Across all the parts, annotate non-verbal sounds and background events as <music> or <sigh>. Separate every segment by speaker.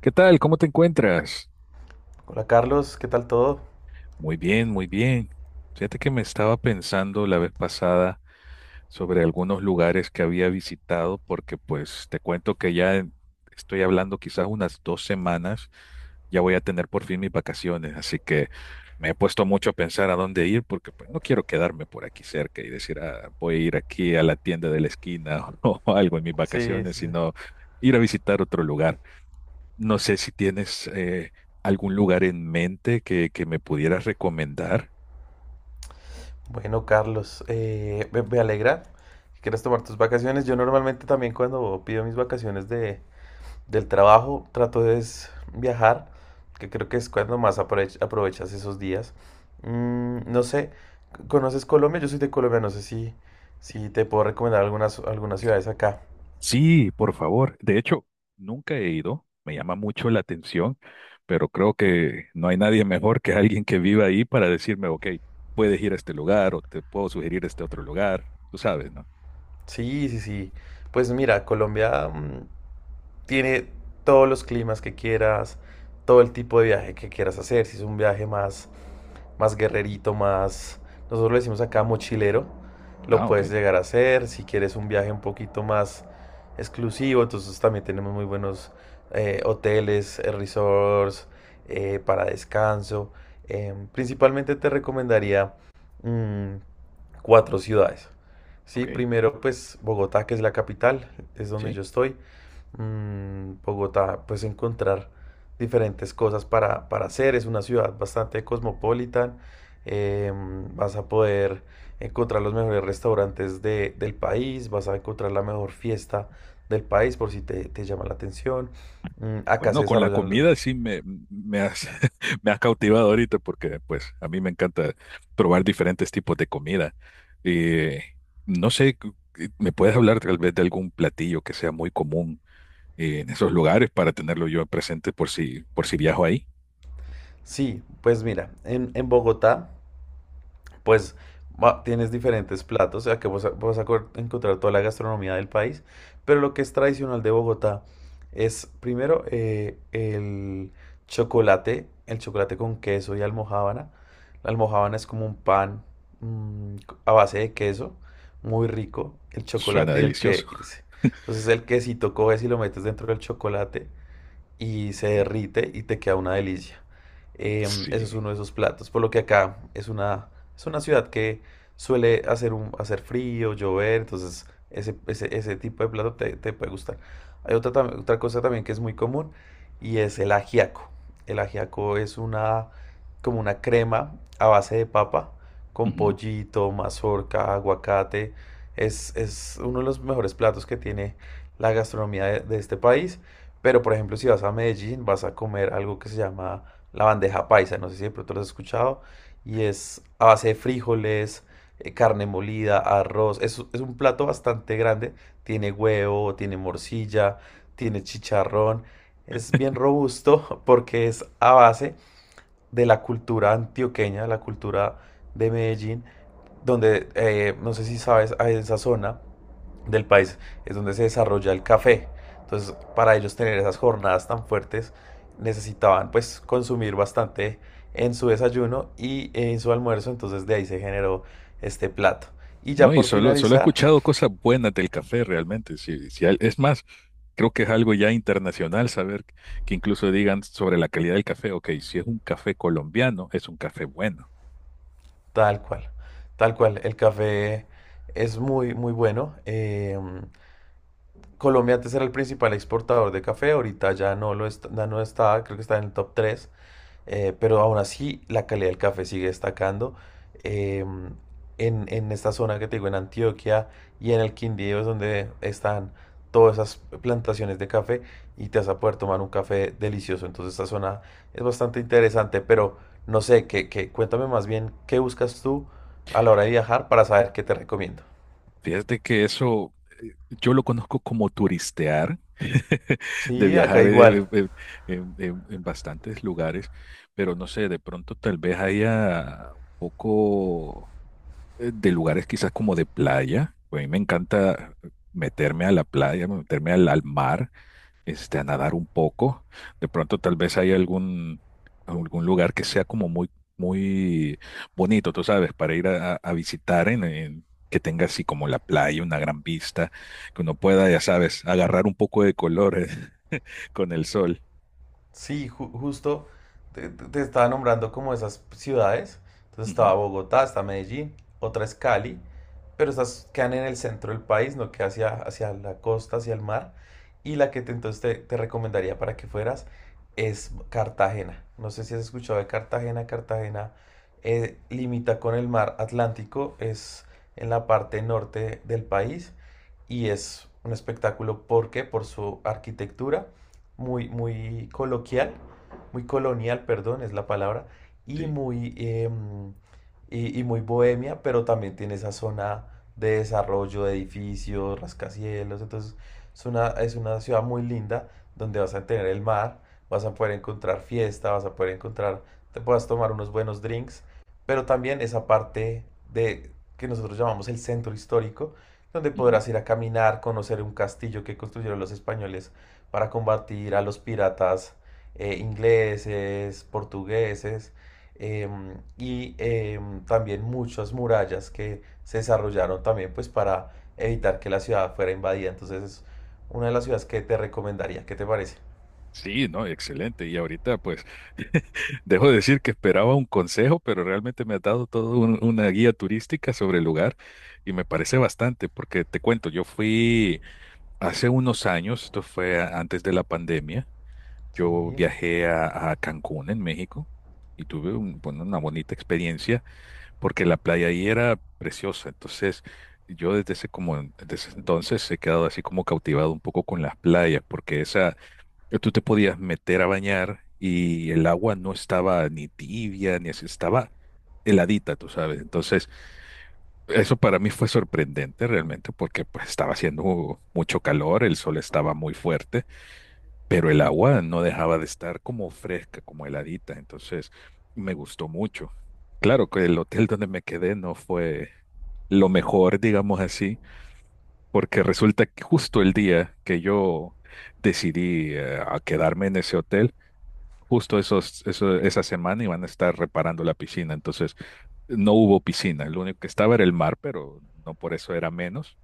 Speaker 1: ¿Qué tal? ¿Cómo te encuentras?
Speaker 2: Hola Carlos, ¿qué tal todo?
Speaker 1: Muy bien, muy bien. Fíjate que me estaba pensando la vez pasada sobre algunos lugares que había visitado, porque pues te cuento que ya estoy hablando quizás unas 2 semanas, ya voy a tener por fin mis vacaciones, así que me he puesto mucho a pensar a dónde ir, porque pues no quiero quedarme por aquí cerca y decir: "Ah, voy a ir aquí a la tienda de la esquina <laughs> o algo en mis
Speaker 2: Sí,
Speaker 1: vacaciones",
Speaker 2: sí, sí.
Speaker 1: sino ir a visitar otro lugar. No sé si tienes algún lugar en mente que me pudieras recomendar.
Speaker 2: Bueno, Carlos, me alegra que quieras tomar tus vacaciones. Yo normalmente también cuando pido mis vacaciones del trabajo trato de es viajar, que creo que es cuando más aprovechas esos días. No sé, ¿conoces Colombia? Yo soy de Colombia, no sé si, si te puedo recomendar algunas ciudades acá.
Speaker 1: Sí, por favor. De hecho, nunca he ido. Me llama mucho la atención, pero creo que no hay nadie mejor que alguien que viva ahí para decirme: ok, puedes ir a este lugar o te puedo sugerir este otro lugar. Tú sabes, ¿no?
Speaker 2: Sí, sí, sí. Pues mira, Colombia, tiene todos los climas que quieras, todo el tipo de viaje que quieras hacer. Si es un viaje más, Más guerrerito, más, nosotros lo decimos acá mochilero, lo
Speaker 1: Ah,
Speaker 2: puedes
Speaker 1: ok,
Speaker 2: llegar a hacer. Si quieres un viaje un poquito más exclusivo, entonces también tenemos muy buenos hoteles, resorts, para descanso. Principalmente te recomendaría mm, cuatro ciudades. Sí,
Speaker 1: ok,
Speaker 2: primero pues Bogotá, que es la capital, es donde
Speaker 1: sí.
Speaker 2: yo estoy. Bogotá, pues encontrar diferentes cosas para hacer. Es una ciudad bastante cosmopolita. eh, Vas a poder encontrar los mejores restaurantes del país, vas a encontrar la mejor fiesta del país por si te llama la atención. Acá
Speaker 1: Bueno,
Speaker 2: se
Speaker 1: con la
Speaker 2: desarrollan
Speaker 1: comida sí me has, <laughs> me has cautivado ahorita porque pues a mí me encanta probar diferentes tipos de comida. Eh, no sé, ¿me puedes hablar tal vez de algún platillo que sea muy común en esos lugares para tenerlo yo presente por si viajo ahí?
Speaker 2: sí, pues mira, en Bogotá pues tienes diferentes platos, o sea que encontrar toda la gastronomía del país, pero lo que es tradicional de Bogotá es primero el chocolate con queso y almojábana. La almojábana es como un pan mm, a base de queso, muy rico, el
Speaker 1: Suena
Speaker 2: chocolate y el
Speaker 1: delicioso.
Speaker 2: que... Entonces el quesito coges y lo metes dentro del chocolate y se
Speaker 1: Ujú.
Speaker 2: derrite y te queda una delicia.
Speaker 1: Sí.
Speaker 2: Eso es uno de esos platos. Por lo que acá es una ciudad que suele hacer, un, hacer frío, llover, entonces ese tipo de plato te puede gustar. Hay otra cosa también que es muy común y es el ajiaco. El ajiaco es una, como una crema a base de papa con pollito, mazorca, aguacate. Es uno de los mejores platos que tiene la gastronomía de este país. Pero, por ejemplo, si vas a Medellín, vas a comer algo que se llama la bandeja paisa. No sé si de pronto lo has escuchado. Y es a base de frijoles, carne molida, arroz. Es un plato bastante grande. Tiene huevo, tiene morcilla, tiene chicharrón. Es bien robusto <laughs> porque es a base de la cultura antioqueña, la cultura de Medellín, donde no sé si sabes, ah, en esa zona del país es donde se desarrolla el café. Entonces, para ellos tener esas jornadas tan fuertes, necesitaban pues consumir bastante en su desayuno y en su almuerzo, entonces de ahí se generó este plato. Y
Speaker 1: No,
Speaker 2: ya
Speaker 1: y
Speaker 2: por
Speaker 1: solo he
Speaker 2: finalizar,
Speaker 1: escuchado cosas buenas del café realmente. Sí, sí, es más, creo que es algo ya internacional saber que incluso digan sobre la calidad del café. Ok, si es un café colombiano, es un café bueno.
Speaker 2: tal cual, tal cual, el café es muy, muy bueno. Colombia antes era el principal exportador de café, ahorita ya no lo está, no está, creo que está en el top tres. Pero aún así, la calidad del café sigue destacando. Eh, en esta zona que te digo, en Antioquia y en el Quindío, es donde están todas esas plantaciones de café y te vas a poder tomar un café delicioso. Entonces, esta zona es bastante interesante, pero no sé, cuéntame más bien qué buscas tú a la hora de viajar para saber qué te recomiendo.
Speaker 1: Fíjate que eso yo lo conozco como turistear, <laughs> de
Speaker 2: Sí, acá
Speaker 1: viajar
Speaker 2: igual.
Speaker 1: en bastantes lugares, pero no sé, de pronto tal vez haya un poco de lugares quizás como de playa. Pues a mí me encanta meterme a la playa, meterme al mar, este, a nadar un poco. De pronto, tal vez hay algún lugar que sea como muy, muy bonito, tú sabes, para ir a visitar que tenga así como la playa, una gran vista, que uno pueda, ya sabes, agarrar un poco de color <laughs> con el sol.
Speaker 2: Sí, justo te estaba nombrando como esas ciudades. Entonces
Speaker 1: Ujú,
Speaker 2: estaba Bogotá, está Medellín, otra es Cali, pero estas quedan en el centro del país, no que hacia la costa, hacia el mar. Y la entonces te recomendaría para que fueras es Cartagena. No sé si has escuchado de Cartagena. Cartagena limita con el mar Atlántico, es en la parte norte del país y es un espectáculo porque por su arquitectura muy, muy coloquial, muy colonial, perdón, es la palabra, y
Speaker 1: sí.
Speaker 2: muy, eh, y muy bohemia, pero también tiene esa zona de desarrollo de edificios, rascacielos, entonces es una ciudad muy linda donde vas a tener el mar, vas a poder encontrar fiesta, vas a poder encontrar, te puedas tomar unos buenos drinks, pero también esa parte de que nosotros llamamos el centro histórico, donde
Speaker 1: Ujú.
Speaker 2: podrás ir a caminar, conocer un castillo que construyeron los españoles para combatir a los piratas ingleses, portugueses, también muchas murallas que se desarrollaron también pues para evitar que la ciudad fuera invadida. Entonces es una de las ciudades que te recomendaría. ¿Qué te parece?
Speaker 1: Sí, no, excelente. Y ahorita, pues, dejo de decir que esperaba un consejo, pero realmente me has dado toda una guía turística sobre el lugar y me parece bastante, porque te cuento, yo fui hace unos años, esto fue antes de la pandemia, yo
Speaker 2: Sí,
Speaker 1: viajé a Cancún, en México, y tuve bueno, una bonita experiencia porque la playa ahí era preciosa. Entonces, yo desde ese, como, desde ese entonces he quedado así como cautivado un poco con las playas, porque esa, tú te podías meter a bañar y el agua no estaba ni tibia, ni así, estaba heladita, tú sabes. Entonces, eso para mí fue sorprendente realmente porque pues estaba haciendo mucho calor, el sol estaba muy fuerte, pero el agua no dejaba de estar como fresca, como heladita, entonces me gustó mucho. Claro que el hotel donde me quedé no fue lo mejor, digamos así, porque resulta que justo el día que yo decidí a quedarme en ese hotel, justo esa semana iban a estar reparando la piscina, entonces no hubo piscina, lo único que estaba era el mar, pero no por eso era menos.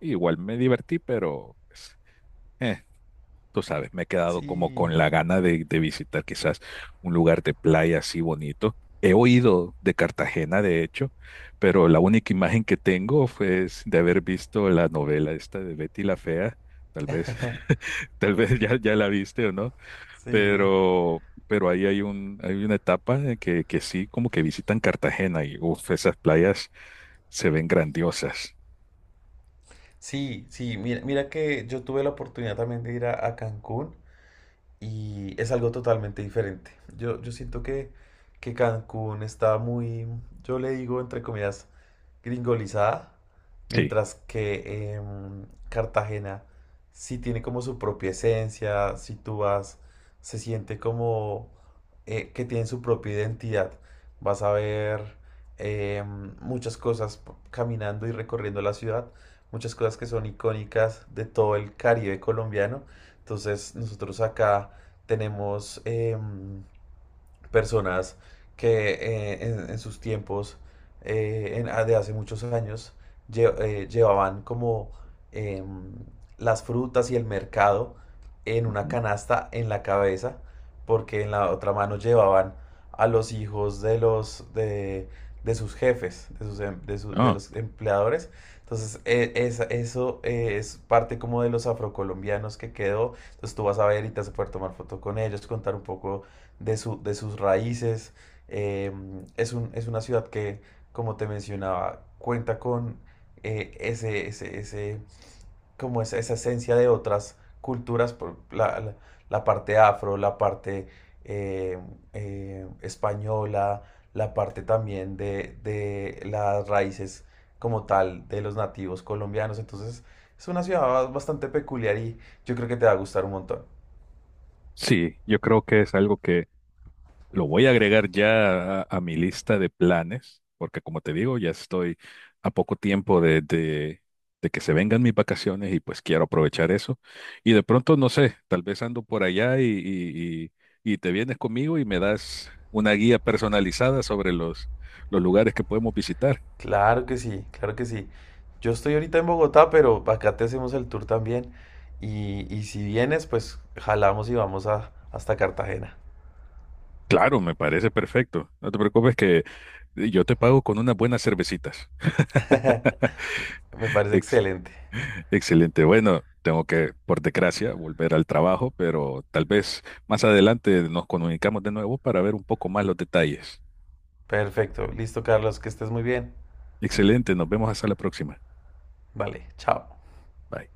Speaker 1: Igual me divertí, pero pues, eh, tú sabes, me he quedado como
Speaker 2: sí,
Speaker 1: con la gana de visitar quizás un lugar de playa así bonito. He oído de Cartagena, de hecho, pero la única imagen que tengo fue es de haber visto la novela esta de Betty la Fea. Tal vez, <laughs> tal vez ya la viste o no,
Speaker 2: sí.
Speaker 1: pero ahí hay hay una etapa en que sí, como que visitan Cartagena y uf, esas playas se ven grandiosas.
Speaker 2: Sí, sí, mira, mira que yo tuve la oportunidad también de ir a Cancún y es algo totalmente diferente. Yo siento que Cancún está muy, yo le digo entre comillas, gringolizada,
Speaker 1: Sí.
Speaker 2: mientras que Cartagena sí tiene como su propia esencia, si tú vas, se siente como que tiene su propia identidad. Vas a ver muchas cosas caminando y recorriendo la ciudad, muchas cosas que son icónicas de todo el Caribe colombiano. Entonces nosotros acá tenemos personas que en sus tiempos de hace muchos años llevaban como em, las frutas y el mercado en una
Speaker 1: Ujú.
Speaker 2: canasta en la cabeza, porque en la otra mano llevaban a los hijos de de sus jefes, de sus em- de su- de
Speaker 1: Ah.
Speaker 2: los empleadores. Entonces, eso es parte como de los afrocolombianos que quedó. Entonces, tú vas a ver y te vas a poder tomar foto con ellos, contar un poco de sus raíces. Eh, es un, es una ciudad que, como te mencionaba, cuenta con ese, como esa esencia de otras culturas, por la parte afro, la parte eh, española, la parte también de las raíces como tal de los nativos colombianos. Entonces, es una ciudad bastante peculiar y yo creo que te va a gustar un montón.
Speaker 1: Sí, yo creo que es algo que lo voy a agregar ya a mi lista de planes, porque como te digo, ya estoy a poco tiempo de que se vengan mis vacaciones y pues quiero aprovechar eso. Y de pronto, no sé, tal vez ando por allá y te vienes conmigo y me das una guía personalizada sobre los lugares que podemos visitar.
Speaker 2: Claro que sí, claro que sí. Yo estoy ahorita en Bogotá, pero acá te hacemos el tour también. Y si vienes, pues jalamos y hasta Cartagena.
Speaker 1: Claro, me parece perfecto. No te preocupes que yo te pago con unas buenas cervecitas.
Speaker 2: <laughs> Me parece
Speaker 1: <laughs>
Speaker 2: excelente.
Speaker 1: Excelente. Bueno, tengo que, por desgracia, volver al trabajo, pero tal vez más adelante nos comunicamos de nuevo para ver un poco más los detalles.
Speaker 2: Perfecto. Listo, Carlos, que estés muy bien.
Speaker 1: Excelente, nos vemos hasta la próxima.
Speaker 2: Vale, chao.
Speaker 1: Bye.